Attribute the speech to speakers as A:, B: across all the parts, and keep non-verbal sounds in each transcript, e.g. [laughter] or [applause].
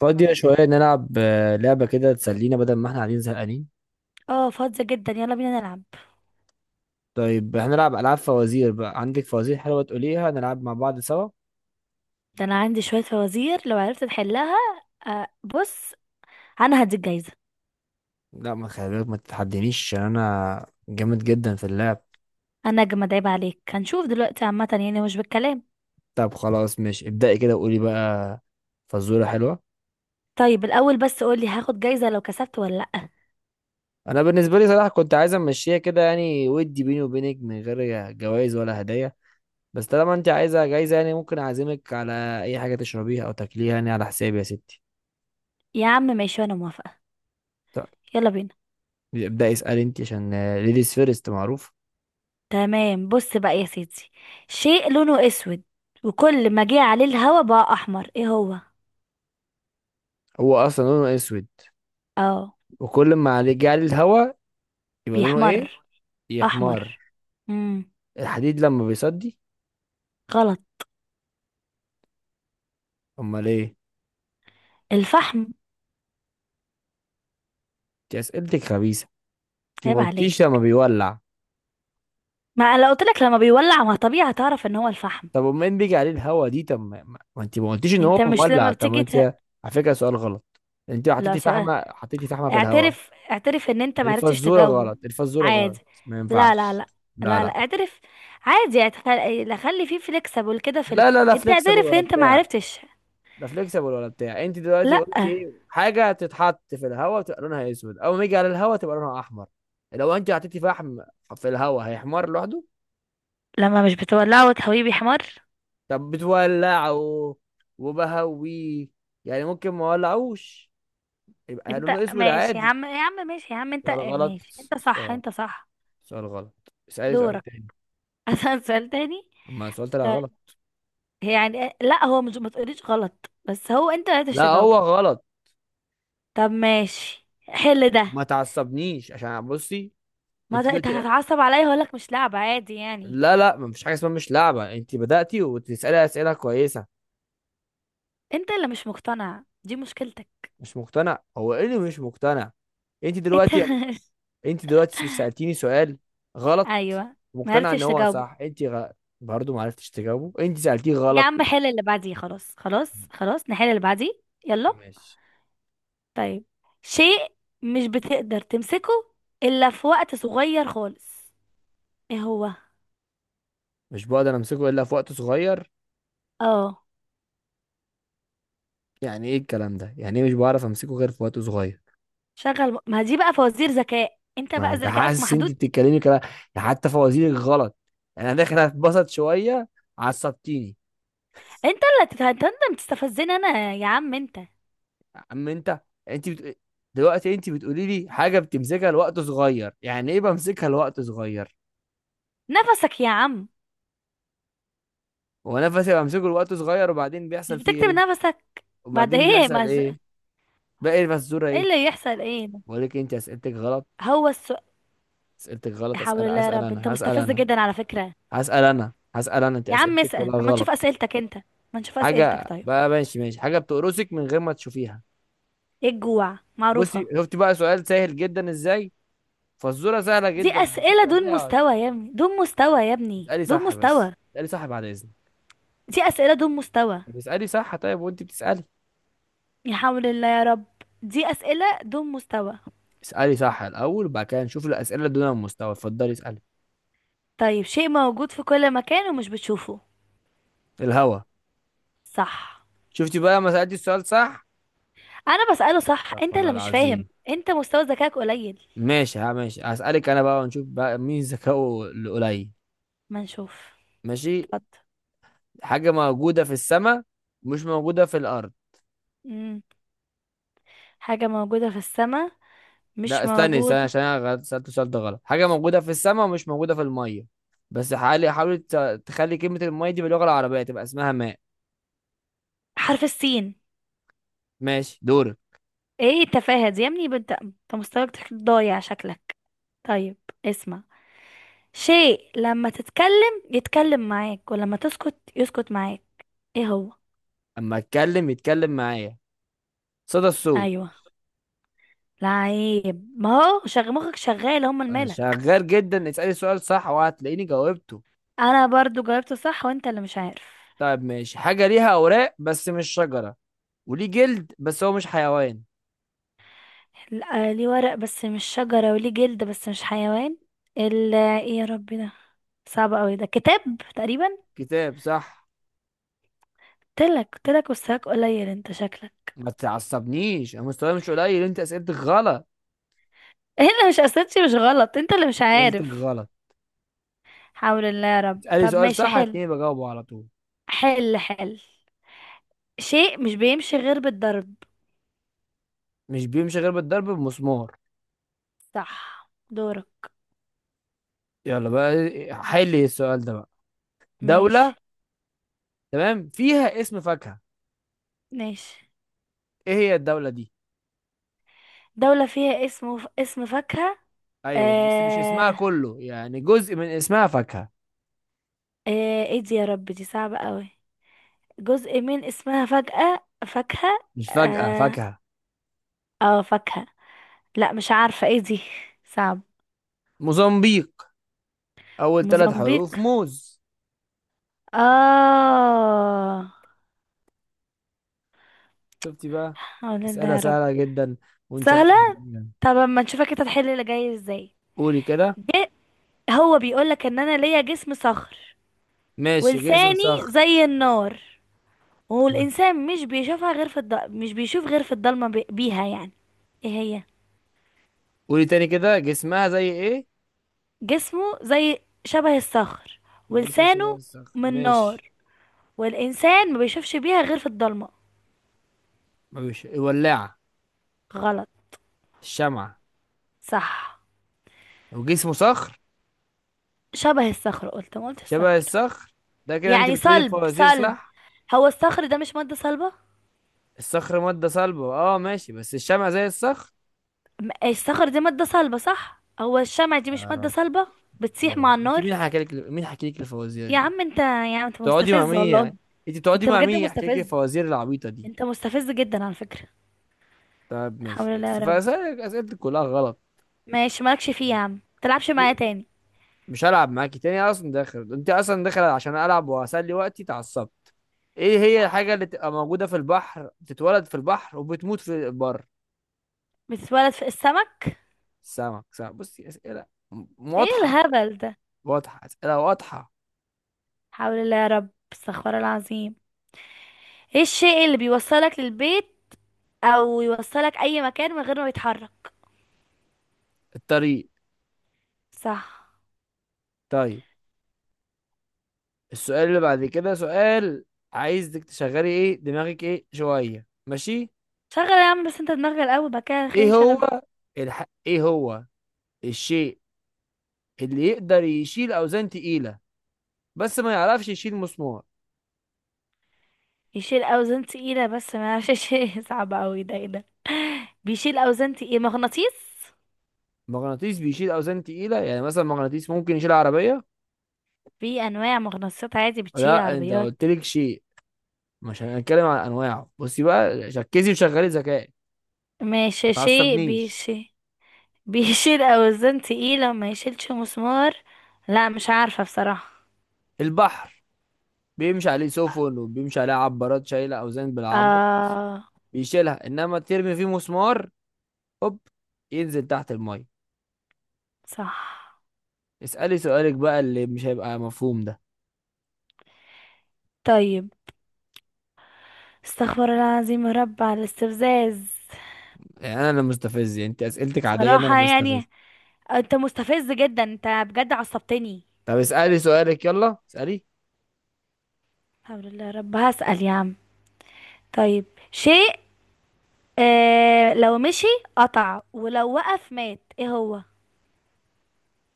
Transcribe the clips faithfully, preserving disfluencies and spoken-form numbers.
A: فاضية شوية نلعب آه، لعبة كده تسلينا بدل ما احنا قاعدين زهقانين.
B: اه، فاضية جدا، يلا بينا نلعب.
A: طيب، هنلعب ألعاب فوازير. بقى عندك فوازير حلوة تقوليها نلعب مع بعض سوا؟
B: ده انا عندي شوية فوازير لو عرفت تحلها. آه، بص. انا هديك جايزة.
A: لا، ما خلي بالك ما تتحدينيش عشان أنا جامد جدا في اللعب.
B: انا اجمد، عيب عليك، هنشوف دلوقتي، عامة يعني مش بالكلام.
A: طب خلاص، ماشي، ابدأي كده وقولي بقى فزورة حلوة.
B: طيب الاول بس قولي، هاخد جايزة لو كسبت ولا لأ؟
A: أنا بالنسبة لي صراحة كنت عايز أمشيها كده، يعني ودي بيني وبينك من غير جوائز ولا هدايا. بس طالما أنت عايزة جايزة، يعني ممكن أعزمك على أي حاجة تشربيها أو تاكليها يعني، على حسابي يا ستي.
B: يا عم ماشي، انا موافقة.
A: طب
B: يلا بينا.
A: ابدأي، اسألي أنت عشان ليديز فيرست معروف.
B: تمام، بص بقى يا سيدي. شيء لونه اسود، وكل ما جه عليه الهوا بقى احمر، ايه هو؟
A: هو اصلا لونه اسود،
B: اه.
A: وكل ما عليه جعل الهواء يبقى لونه ايه؟
B: بيحمر.
A: يا حمار!
B: احمر. امم
A: الحديد لما بيصدي.
B: غلط.
A: امال ايه؟
B: الفحم.
A: دي اسئلتك خبيثه. انت ما
B: عيب عليك.
A: قلتيش لما بيولع.
B: ما أنا لو قلت لك لما بيولع، ما طبيعي هتعرف ان هو الفحم.
A: طب، امال بيجي عليه الهواء دي؟ طب ما ما- ما انت ما قلتيش ان هو
B: انت مش لما
A: مولع؟ طب ما
B: بتيجي ت...
A: انت... على فكره، سؤال غلط. انت
B: لا،
A: حطيتي
B: سؤال،
A: فحمه، حطيتي فحمه في الهواء؟
B: اعترف اعترف ان انت معرفتش
A: الفزوره
B: تجاوب.
A: غلط، الفزوره
B: عادي.
A: غلط. ما
B: لا، لا،
A: ينفعش.
B: لا.
A: لا
B: لا، لا،
A: لا
B: اعترف. عادي، اعتخل... لا، خلي فيه فليكسبل كده في ال...
A: لا. لا لا.
B: انت
A: فليكسبل
B: اعترف ان
A: ولا
B: انت
A: بتاع
B: معرفتش.
A: لا فليكسبل ولا بتاع. انت دلوقتي
B: لا.
A: قلت ايه؟ حاجه تتحط في الهواء تبقى لونها اسود، اول ما يجي على الهواء تبقى لونها احمر. لو انت حطيتي فحم في الهواء هيحمر لوحده؟
B: لما مش بتولعه وتهويه بيحمر.
A: طب بتولعه وبهويه، يعني ممكن ما اولعوش يبقى
B: انت.
A: لونه اسود
B: ماشي يا
A: عادي.
B: عم، يا عم ماشي، يا عم، انت
A: سؤال غلط.
B: ماشي، انت صح،
A: سؤال.
B: انت صح.
A: سؤال غلط. اسالي سؤال
B: دورك.
A: تاني.
B: [laughs] اسأل سؤال تاني.
A: اما السؤال طلع
B: طيب.
A: غلط.
B: يعني، لا هو مش، ما تقوليش غلط، بس هو انت ما عرفتش
A: لا، هو
B: تجاوبه.
A: غلط.
B: طب ماشي، حل ده.
A: ما تعصبنيش، عشان بصي،
B: ما
A: انت
B: ده انت
A: دلوقتي...
B: هتتعصب عليا، هقول لك مش لعبة، عادي يعني.
A: لا لا، ما فيش حاجه اسمها مش لعبه. انت بداتي وتسالي اسئله كويسه.
B: انت اللي مش مقتنع، دي مشكلتك.
A: مش مقتنع؟ هو ايه اللي مش مقتنع؟ انت
B: انت.
A: دلوقتي انت دلوقتي سألتيني سؤال
B: [laughs]
A: غلط.
B: ايوه. ما
A: مقتنع ان
B: عرفتش
A: هو
B: تجاوبه.
A: صح؟ انت غ... برضه ما عرفتش تجاوبه؟ انت سألتيه
B: يا
A: غلط.
B: عم، حل اللي بعديه، خلاص خلاص خلاص، نحل اللي بعديه. يلا.
A: ماشي.
B: طيب. شيء مش بتقدر تمسكه الا في وقت صغير خالص، ايه هو؟
A: مش بقدر امسكه الا في وقت صغير؟
B: اه.
A: يعني ايه الكلام ده؟ يعني ايه مش بعرف امسكه غير في وقت صغير؟
B: شغل، ما دي بقى فوازير ذكاء، انت
A: ما
B: بقى
A: انت
B: ذكائك
A: حاسس انت
B: محدود.
A: بتتكلمي كلام، حتى فوازيرك غلط. يعني انا داخل اتبسط شويه، عصبتيني.
B: انت اللي تت- انت اللي بتستفزني انا يا عم انت.
A: اما انت، انت بت... دلوقتي انت بتقولي لي حاجه بتمسكها لوقت صغير، يعني ايه بمسكها لوقت صغير؟
B: نفسك يا عم.
A: هو نفسي بمسكه الوقت صغير وبعدين
B: مش
A: بيحصل فيه
B: بتكتب
A: ايه؟
B: نفسك. بعد
A: وبعدين
B: ايه
A: بيحصل
B: ما.
A: ايه؟ باقي الفزوره
B: ايه
A: ايه؟
B: اللي يحصل؟ ايه ده؟
A: بقول لك انت اسئلتك غلط،
B: هو السؤال.
A: اسئلتك غلط.
B: لا حول
A: اسال
B: الله يا
A: اسال
B: رب، انت
A: انا، هسال
B: مستفز
A: انا،
B: جدا على فكرة.
A: هسال انا، هسال انا، انت
B: يا عم
A: اسئلتك
B: اسأل،
A: كلها
B: اما
A: غلط.
B: نشوف اسئلتك انت. ما نشوف اسئلتك،
A: حاجه
B: طيب.
A: بقى، ماشي ماشي، حاجه بتقرصك من غير ما تشوفيها.
B: ايه الجوع، معروفة.
A: بصي، شفتي بقى سؤال سهل جدا ازاي؟ فزوره سهله
B: دي
A: جدا
B: اسئلة
A: بسيطه
B: دون
A: ليها.
B: مستوى يا ابني، دون مستوى يا ابني،
A: تسالي
B: دون
A: صح، بس
B: مستوى.
A: تسالي صح بعد اذنك.
B: دي اسئلة دون مستوى.
A: طب اسالي صح طيب، وانت بتسالي.
B: يا حول الله يا رب. دي اسئلة دون مستوى.
A: اسالي صح الاول، وبعد كده نشوف الاسئله دون المستوى. اتفضلي، اسالي.
B: طيب، شيء موجود في كل مكان ومش بتشوفه.
A: الهوا.
B: صح.
A: شفتي بقى لما سالتي السؤال صح؟
B: انا بسأله صح،
A: استغفر
B: انت
A: الله
B: اللي مش فاهم،
A: العظيم.
B: انت مستوى ذكائك قليل.
A: ماشي، ها ماشي، هسألك انا بقى ونشوف بقى مين ذكائه القليل.
B: ما نشوف.
A: ماشي.
B: اتفضل.
A: حاجة موجودة في السماء، مش موجودة في الأرض.
B: امم حاجة موجودة في السماء،
A: لا،
B: مش
A: استني استني،
B: موجودة.
A: عشان انا غلط- سألت السؤال ده غلط. حاجة موجودة في السماء ومش موجودة في المية. بس حاولي حاولي ت- تخلي كلمة المية دي باللغة العربية تبقى اسمها ماء.
B: حرف السين.
A: ماشي، دورك.
B: ايه التفاهة دي يا ابني، بنت انت، مستواك ضايع شكلك. طيب. اسمع. شيء لما تتكلم يتكلم معاك، ولما تسكت يسكت معاك، ايه هو؟
A: أما أتكلم يتكلم معايا. صدى الصوت.
B: ايوه. لعيب، ما هو شغ مخك شغال، هما
A: أنا
B: الملك.
A: شغال جدا. اسألي السؤال صح وهتلاقيني جاوبته.
B: انا برضو جاوبت صح، وانت اللي مش عارف.
A: طيب ماشي. حاجة ليها أوراق بس مش شجرة، وليه جلد بس هو مش حيوان.
B: لا، ليه ورق بس مش شجرة، وليه جلد بس مش حيوان. ال ايه يا ربي ده؟ صعب قوي، ده كتاب. تقريبا.
A: كتاب، صح.
B: قلتلك، قلتلك مستواك قليل انت شكلك.
A: ما تعصبنيش، انا مستواي مش قليل، انت اسئلتك غلط،
B: هنا مش اساسي، مش غلط، انت اللي مش
A: اسئلتك
B: عارف.
A: غلط.
B: حول الله يا رب،
A: اسالي
B: طب
A: سؤال
B: ماشي،
A: صح
B: حل.
A: هتلاقيني بجاوبه على طول.
B: حل حل. شيء مش بيمشي غير بالضرب.
A: مش بيمشي غير بالضرب، بمسمار.
B: صح، دورك.
A: يلا بقى، حل السؤال ده بقى. دولة،
B: ماشي.
A: تمام، فيها اسم فاكهة.
B: ماشي.
A: ايه هي الدولة دي؟
B: دولة فيها اسم ف... اسم فاكهة.
A: ايوه، بس مش اسمها
B: آه...
A: كله، يعني جزء من اسمها فاكهة.
B: آه... ايه دي يا رب، دي صعبة قوي. جزء من اسمها فجأة فاكهة.
A: مش فجأة
B: اه.
A: فاكهة.
B: آه، فاكهة. لا، مش عارفة ايه دي. صعب.
A: موزمبيق، اول ثلاث
B: موزمبيق.
A: حروف موز.
B: اه.
A: شفتي بقى،
B: حول الله
A: اسئلة
B: يا رب.
A: سهلة جدا ونشافت
B: سهلة.
A: حلوة.
B: طب اما نشوفك انت تحل اللي جاي ازاي؟
A: قولي كده.
B: جه. هو بيقولك ان انا ليا جسم صخر.
A: ماشي، جسم
B: ولساني
A: صخر.
B: زي النار. والانسان مش بيشوفها غير في الض... مش بيشوف غير في الضلمه بي... بيها يعني. ايه هي؟
A: قولي تاني كده، جسمها زي ايه؟
B: جسمه زي شبه الصخر،
A: الجسم شبه
B: ولسانه
A: الصخر،
B: من
A: ماشي.
B: نار، والانسان ما بيشوفش بيها غير في الضلمه.
A: مش الولاعة؟
B: غلط.
A: الشمعة.
B: صح.
A: وجسمه صخر،
B: شبه الصخر، قلت ما قلت
A: شبه
B: الصخر.
A: الصخر. ده كده انت
B: يعني
A: بتقولي
B: صلب
A: الفوازير
B: صلب.
A: صح.
B: هو الصخر ده مش ماده صلبه؟
A: الصخر مادة صلبة، اه ماشي، بس الشمعة زي الصخر؟
B: م- الصخر دي مادة صلبة صح، هو الشمع دي مش
A: يا
B: مادة
A: رب،
B: صلبة؟
A: يا
B: بتسيح مع
A: رب، انت
B: النار.
A: مين حكى لك، مين حكى لك الفوازير
B: يا
A: دي؟
B: عم انت، يا عم انت
A: بتقعدي مع
B: مستفز
A: مين
B: والله.
A: يعني؟ انت بتقعدي
B: انت
A: مع
B: بجد
A: مين يحكي لك
B: مستفز.
A: الفوازير العبيطة دي؟
B: انت مستفز جدا على فكرة.
A: طب
B: الحمد
A: ماشي،
B: لله يا
A: بس
B: رب.
A: فاسألك اسئلتك كلها غلط.
B: ماشي، مالكش فيه يا عم، متلعبش معايا تاني.
A: مش هلعب معاكي تاني. أنا اصلا داخل، انت اصلا داخل عشان العب واسلي وقتي، اتعصبت. ايه هي الحاجه اللي تبقى موجوده في البحر، بتتولد في البحر وبتموت في البر؟
B: بتتولد في السمك.
A: السمك؟ سمك! بصي اسئله م-
B: ايه
A: واضحه.
B: الهبل ده؟
A: واضحه، اسئله واضحه.
B: حول الله يا رب، استغفر الله العظيم. ايه الشيء اللي بيوصلك للبيت، او يوصلك اي مكان من غير ما يتحرك؟
A: الطريق.
B: صح.
A: طيب، السؤال اللي بعد كده سؤال عايزك تشغلي ايه دماغك ايه شويه، ماشي؟
B: شغل يا عم، بس انت دماغك الاول بقى كده، خلينا
A: ايه
B: نشغل.
A: هو الح... ايه هو الشيء اللي يقدر يشيل اوزان تقيله بس ما يعرفش يشيل مسمار؟
B: يشيل اوزان تقيله بس ما يعرفش يشيل [laughs] صعب قوي ده، ايه ده؟ بيشيل اوزان تقيله، مغناطيس.
A: مغناطيس بيشيل اوزان تقيله، يعني مثلا مغناطيس ممكن يشيل عربيه.
B: في انواع مغناطيسات عادي بتشيل
A: لا، انت
B: عربيات.
A: قلت لك شيء، مش هنتكلم عن انواعه. بصي بقى، ركزي وشغلي ذكاء. ما
B: ماشي، شيء
A: تعصبنيش.
B: بيشي بيشيل اوزان تقيله وما يشيلش مسمار. لا، مش عارفه بصراحه.
A: البحر، بيمشي عليه سفن وبيمشي عليه عبارات شايله اوزان بالعبط
B: اه.
A: بيشيلها، انما ترمي فيه مسمار، هوب، ينزل تحت الميه.
B: صح.
A: اسالي سؤالك بقى اللي مش هيبقى مفهوم ده.
B: طيب. استغفر الله العظيم يا رب على الاستفزاز.
A: يعني انا اللي مستفز؟ يعني انت اسئلتك عاديه انا اللي
B: صراحه
A: بستفز؟
B: يعني. انت مستفز جدا، انت بجد عصبتني.
A: طب اسالي سؤالك، يلا اسالي.
B: الحمد لله يا رب، هسأل يا عم. طيب. شيء، آه لو مشي قطع، ولو وقف مات، ايه هو؟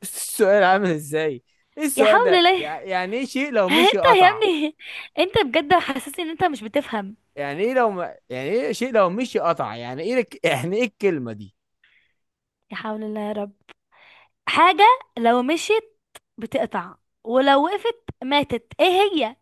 A: السؤال عامل ازاي؟ ايه
B: يا
A: السؤال
B: حول
A: ده؟
B: الله
A: يع- يعني ايه شيء لو
B: [laughs]
A: مشي
B: انت يا
A: قطع؟
B: ابني. انت بجد حاسسني ان انت مش بتفهم.
A: يعني ايه لو ما... يعني ايه شيء لو مشي قطع؟ يعني ايه لك... يعني ايه الكلمة دي؟
B: يا حول الله يا رب. حاجة، لو مشيت بتقطع، ولو وقفت ماتت، ايه هي؟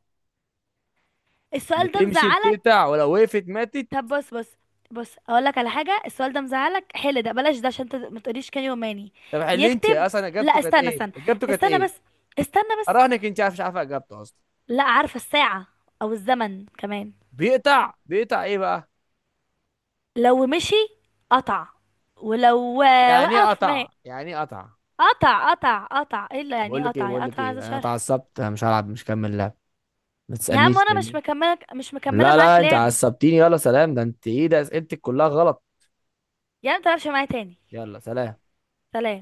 B: السؤال ده
A: بتمشي
B: مزعلك؟
A: بتقطع ولو وقفت ماتت؟
B: طب بص بص. بص اقول لك على حاجة، السؤال ده مزعلك، حل ده بلاش ده، عشان انت ما تقوليش كان يوماني.
A: طب حلي، انت
B: يكتب.
A: اصلا اجابته
B: لا،
A: كانت
B: استنى
A: ايه؟
B: استنى.
A: اجابته كانت
B: استنى بس.
A: ايه؟
B: استنى بس.
A: اراهنك انت عارف، مش عارفه اجابته اصلا.
B: لا، عارفة الساعة. او الزمن كمان.
A: بيقطع، بيقطع ايه بقى؟
B: لو مشي قطع، ولو آه،
A: يعني ايه
B: وقف مات.
A: قطع؟ يعني ايه قطع؟
B: قطع، قطع، قطع، ايه اللي يعني
A: بقول لك ايه،
B: قطع، يعني
A: بقول لك
B: قطع
A: ايه،
B: هذا
A: انا
B: شرح.
A: اتعصبت، انا مش هلعب، مش هكمل لعب. ما
B: يا عم،
A: تسألنيش
B: وانا مش
A: تاني.
B: مكمله مش مكمله
A: لا
B: معاك
A: لا، انت
B: لعب.
A: عصبتيني، يلا سلام. ده انت ايه ده؟ اسئلتك كلها غلط.
B: يعني ما تلعبش معايا تاني.
A: يلا سلام.
B: سلام.